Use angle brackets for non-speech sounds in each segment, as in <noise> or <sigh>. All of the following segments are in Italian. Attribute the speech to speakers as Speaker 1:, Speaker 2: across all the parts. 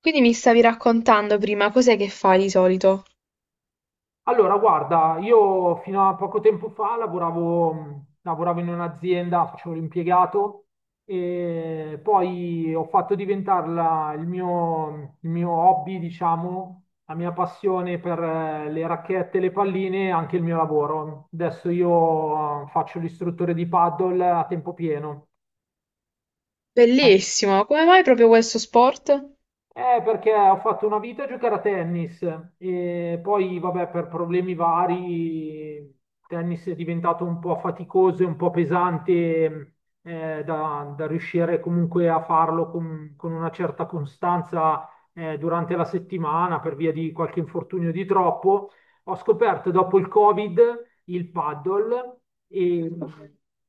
Speaker 1: Quindi mi stavi raccontando prima, cos'è che fai di solito?
Speaker 2: Allora, guarda, io fino a poco tempo fa lavoravo, lavoravo in un'azienda, facevo l'impiegato e poi ho fatto diventare il mio hobby, diciamo, la mia passione per le racchette, le palline, e anche il mio lavoro. Adesso io faccio l'istruttore di paddle a tempo pieno.
Speaker 1: Bellissimo, come mai proprio questo sport?
Speaker 2: Perché ho fatto una vita a giocare a tennis e poi, vabbè, per problemi vari, il tennis è diventato un po' faticoso e un po' pesante da riuscire comunque a farlo con una certa costanza durante la settimana per via di qualche infortunio di troppo. Ho scoperto dopo il Covid il paddle e,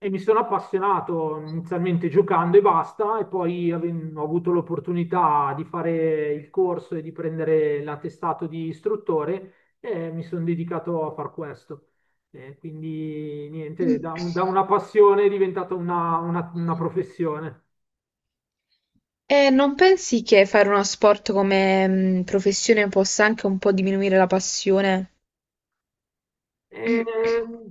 Speaker 2: e mi sono appassionato inizialmente giocando e basta, e poi ho avuto l'opportunità di fare il corso e di prendere l'attestato di istruttore e mi sono dedicato a far questo. Quindi niente, da una passione è diventata una professione.
Speaker 1: E non pensi che fare uno sport come professione possa anche un po' diminuire la passione?
Speaker 2: Ehm,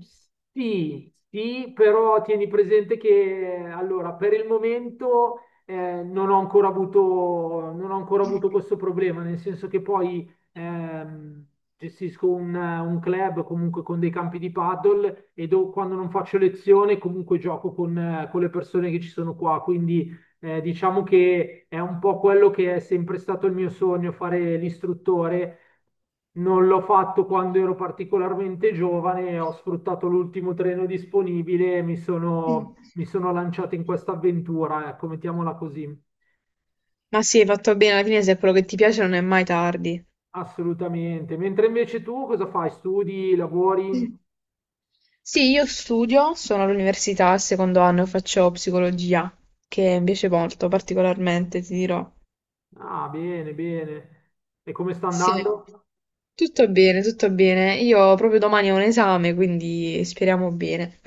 Speaker 2: sì, sì, però tieni presente che allora, per il momento non ho ancora avuto, non ho ancora avuto questo problema, nel senso che poi gestisco un club comunque con dei campi di paddle e quando non faccio lezione comunque gioco con le persone che ci sono qua, quindi diciamo che è un po' quello che è sempre stato il mio sogno, fare l'istruttore non l'ho fatto quando ero particolarmente giovane, ho sfruttato l'ultimo treno disponibile e mi sono lanciato in questa avventura, ecco, mettiamola così.
Speaker 1: Ma sì, hai fatto bene, alla fine se è quello che ti piace non è mai tardi.
Speaker 2: Assolutamente. Mentre invece tu cosa fai? Studi, lavori?
Speaker 1: Sì, io studio, sono all'università, al secondo anno faccio psicologia, che mi piace molto, particolarmente, ti dirò.
Speaker 2: Ah, bene, bene. E come sta
Speaker 1: Sì.
Speaker 2: andando?
Speaker 1: Tutto bene, tutto bene. Io proprio domani ho un esame, quindi speriamo bene.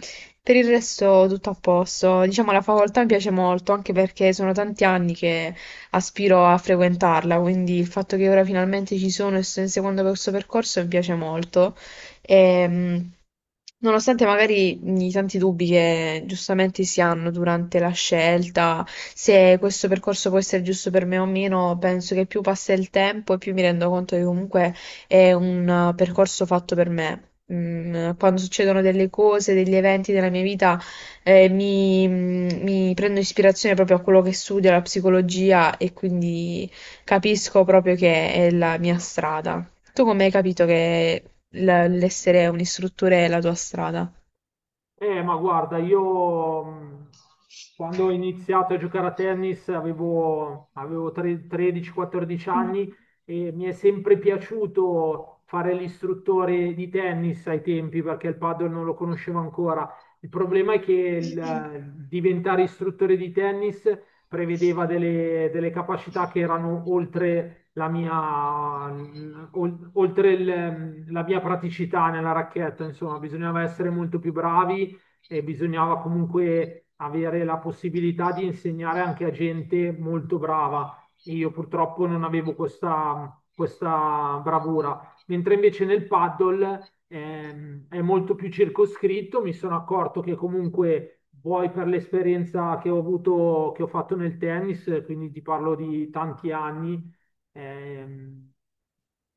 Speaker 1: Per il resto tutto a posto. Diciamo la facoltà mi piace molto, anche perché sono tanti anni che aspiro a frequentarla, quindi il fatto che ora finalmente ci sono e sto inseguendo questo percorso mi piace molto. Ehm, Nonostante magari i tanti dubbi che giustamente si hanno durante la scelta, se questo percorso può essere giusto per me o meno, penso che più passa il tempo e più mi rendo conto che comunque è un percorso fatto per me. Mm, quando succedono delle cose, degli eventi nella mia vita, mi prendo ispirazione proprio a quello che studio, la psicologia, e quindi capisco proprio che è la mia strada. Tu come hai capito che l- l'essere un istruttore è la tua strada?
Speaker 2: Ma guarda, io quando ho iniziato a giocare a tennis avevo, 13-14 anni e mi è sempre piaciuto fare l'istruttore di tennis ai tempi perché il padel non lo conoscevo ancora. Il problema è che diventare istruttore di tennis prevedeva delle, delle capacità che erano oltre la mia, la mia praticità nella racchetta, insomma, bisognava essere molto più bravi e bisognava comunque avere la possibilità di insegnare anche a gente molto brava. E io purtroppo non avevo questa, questa bravura, mentre invece nel paddle è molto più circoscritto, mi sono accorto che comunque vuoi per l'esperienza che ho avuto, che ho fatto nel tennis, quindi ti parlo di tanti anni, ehm,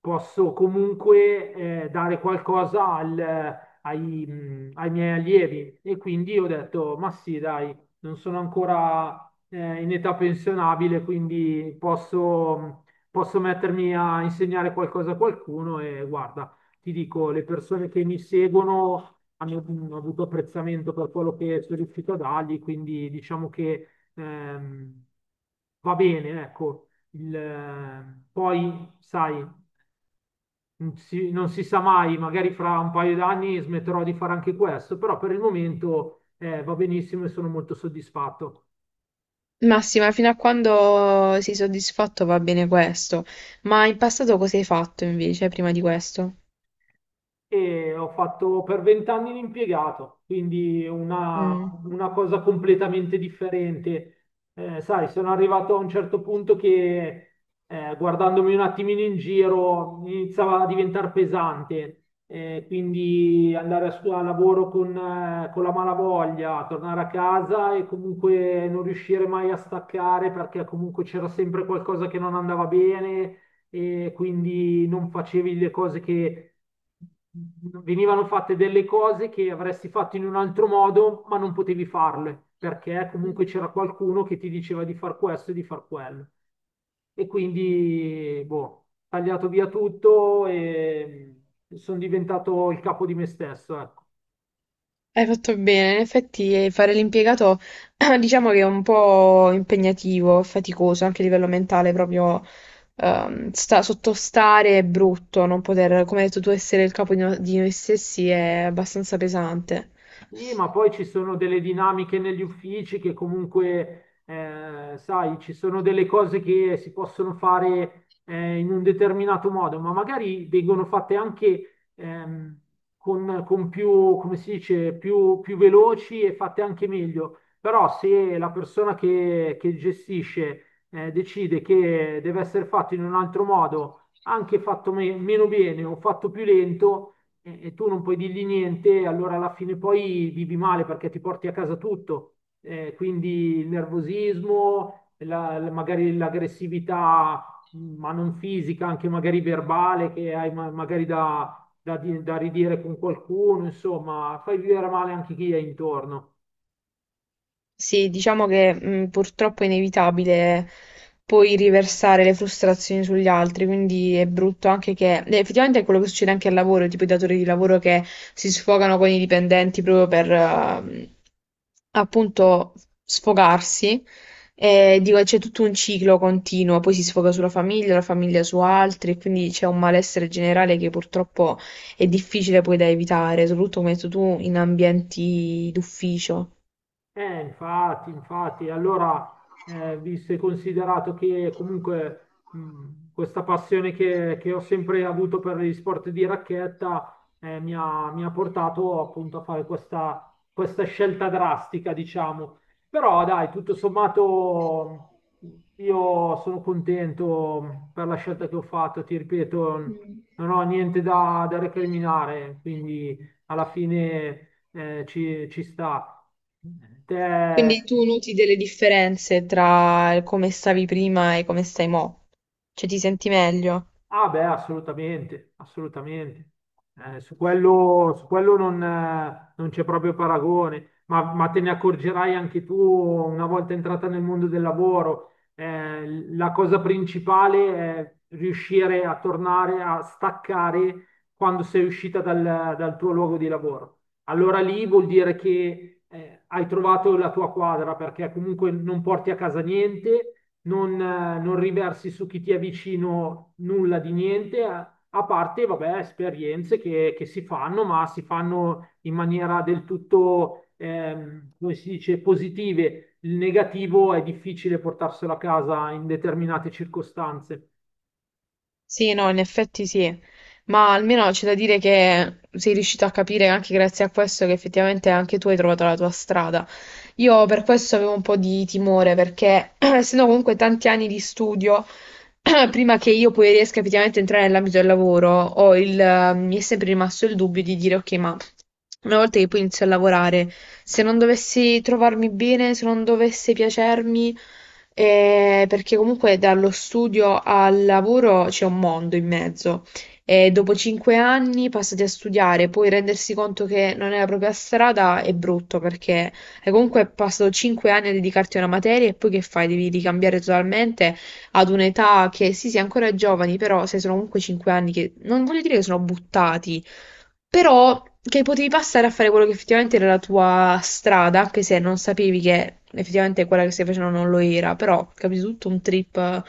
Speaker 2: posso comunque dare qualcosa ai, ai miei allievi. E quindi ho detto, ma sì, dai, non sono ancora in età pensionabile, quindi posso, posso mettermi a insegnare qualcosa a qualcuno e guarda, ti dico, le persone che mi seguono hanno, hanno avuto apprezzamento per quello che sono riuscito a dargli, quindi diciamo che ehm, va bene, ecco. Poi, sai, non si sa mai, magari fra un paio d'anni smetterò di fare anche questo, però per il momento va benissimo e sono molto soddisfatto.
Speaker 1: Massima, fino a quando sei soddisfatto va bene questo, ma in passato cosa hai fatto invece prima di questo?
Speaker 2: E ho fatto per vent'anni l'impiegato, quindi
Speaker 1: Mm.
Speaker 2: una cosa completamente differente. Sai, sono arrivato a un certo punto che guardandomi un attimino in giro iniziava a diventare pesante. Quindi andare a lavoro con la malavoglia, tornare a casa e comunque non riuscire mai a staccare perché comunque c'era sempre qualcosa che non andava bene e quindi non facevi le cose che venivano fatte delle cose che avresti fatto in un altro modo, ma non potevi farle, perché comunque c'era qualcuno che ti diceva di far questo e di far quello. E quindi, boh, tagliato via tutto e sono diventato il capo di me stesso, ecco.
Speaker 1: Hai fatto bene, in effetti fare l'impiegato <clears throat> diciamo che è un po' impegnativo, faticoso anche a livello mentale, proprio sottostare è brutto, non poter, come hai detto tu, essere il capo di, di noi stessi è abbastanza pesante.
Speaker 2: Sì, ma poi ci sono delle dinamiche negli uffici che comunque, sai, ci sono delle cose che si possono fare in un determinato modo, ma magari vengono fatte anche con più, come si dice, più veloci e fatte anche meglio. Però se la persona che gestisce decide che deve essere fatto in un altro modo, anche fatto meno bene o fatto più lento, e tu non puoi dirgli niente, allora alla fine poi vivi male perché ti porti a casa tutto. Quindi il nervosismo, magari l'aggressività, ma non fisica, anche magari verbale, che hai magari da ridire con qualcuno, insomma, fai vivere male anche chi è intorno.
Speaker 1: Sì, diciamo che purtroppo è inevitabile poi riversare le frustrazioni sugli altri, quindi è brutto anche che effettivamente è quello che succede anche al lavoro, tipo i datori di lavoro che si sfogano con i dipendenti proprio per appunto sfogarsi. E dico, c'è tutto un ciclo continuo, poi si sfoga sulla famiglia, la famiglia su altri, e quindi c'è un malessere generale che purtroppo è difficile poi da evitare, soprattutto come hai detto tu in ambienti d'ufficio.
Speaker 2: Infatti, infatti, allora, visto e considerato che comunque questa passione che ho sempre avuto per gli sport di racchetta mi ha portato appunto a fare questa, questa scelta drastica, diciamo. Però dai, tutto sommato mh, io sono contento per la scelta che ho fatto, ti ripeto, non ho niente da recriminare, quindi alla fine ci sta. Te-
Speaker 1: Quindi tu noti delle differenze tra il come stavi prima e come stai mo'? Cioè ti senti meglio?
Speaker 2: Ah beh, assolutamente, assolutamente. Su quello non c'è proprio paragone, ma te ne accorgerai anche tu una volta entrata nel mondo del lavoro. La cosa principale è riuscire a tornare a staccare quando sei uscita dal tuo luogo di lavoro. Allora lì vuol dire che hai trovato la tua quadra perché comunque non porti a casa niente non riversi su chi ti è vicino nulla di niente, a parte, vabbè, esperienze che si fanno, ma si fanno in maniera del tutto, come si dice, positive. Il negativo è difficile portarselo a casa in determinate circostanze.
Speaker 1: Sì, no, in effetti sì, ma almeno c'è da dire che sei riuscito a capire anche grazie a questo che effettivamente anche tu hai trovato la tua strada. Io per questo avevo un po' di timore, perché <clears throat> essendo comunque tanti anni di studio, <clears throat> prima che io poi riesca effettivamente a entrare nell'ambito del lavoro, ho mi è sempre rimasto il dubbio di dire, ok, ma una volta che poi inizio a lavorare, se non dovessi trovarmi bene, se non dovesse piacermi, perché comunque dallo studio al lavoro c'è un mondo in mezzo. E dopo 5 anni passati a studiare, poi rendersi conto che non è la propria strada è brutto perché e comunque passano 5 anni a dedicarti a una materia e poi che fai? Devi ricambiare totalmente ad un'età che sì, sei ancora giovani, però se sono comunque 5 anni che non voglio dire che sono buttati, però che potevi passare a fare quello che effettivamente era la tua strada, anche se non sapevi che effettivamente quella che stai facendo non lo era, però capito tutto un trip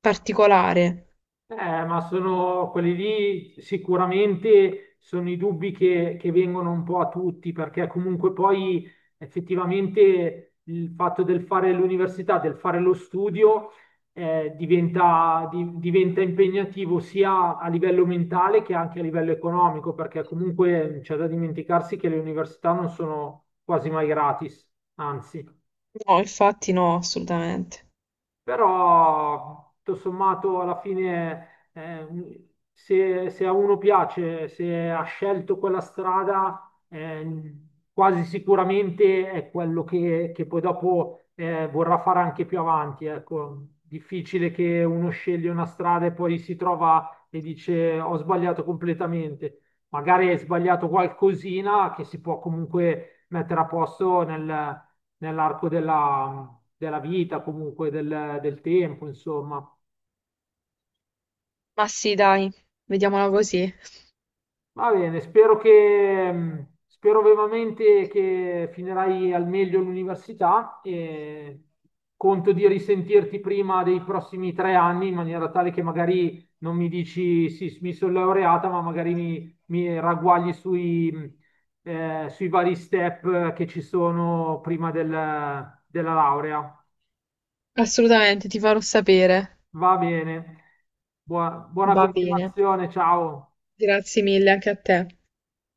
Speaker 1: particolare.
Speaker 2: Eh, ma sono quelli lì sicuramente sono i dubbi che vengono un po' a tutti, perché comunque poi effettivamente il fatto del fare l'università, del fare lo studio, diventa impegnativo sia a livello mentale che anche a livello economico, perché comunque c'è da dimenticarsi che le università non sono quasi mai gratis, anzi.
Speaker 1: No, infatti no, assolutamente.
Speaker 2: Però, tutto sommato, alla fine, se a uno piace, se ha scelto quella strada, quasi sicuramente è quello che poi dopo vorrà fare anche più avanti. Ecco, difficile che uno sceglie una strada e poi si trova e dice ho sbagliato completamente. Magari hai sbagliato qualcosina che si può comunque mettere a posto nell'arco della, della vita, comunque del, del tempo, insomma.
Speaker 1: Ma sì, dai, vediamola così.
Speaker 2: Va bene, spero che, spero vivamente che finirai al meglio l'università e conto di risentirti prima dei prossimi 3 anni in maniera tale che magari non mi dici sì, mi sono laureata, ma magari mi, mi ragguagli sui, sui vari step che ci sono della laurea.
Speaker 1: Assolutamente, ti farò sapere.
Speaker 2: Va bene. Buona, buona
Speaker 1: Va bene.
Speaker 2: continuazione, ciao.
Speaker 1: Grazie mille anche a te.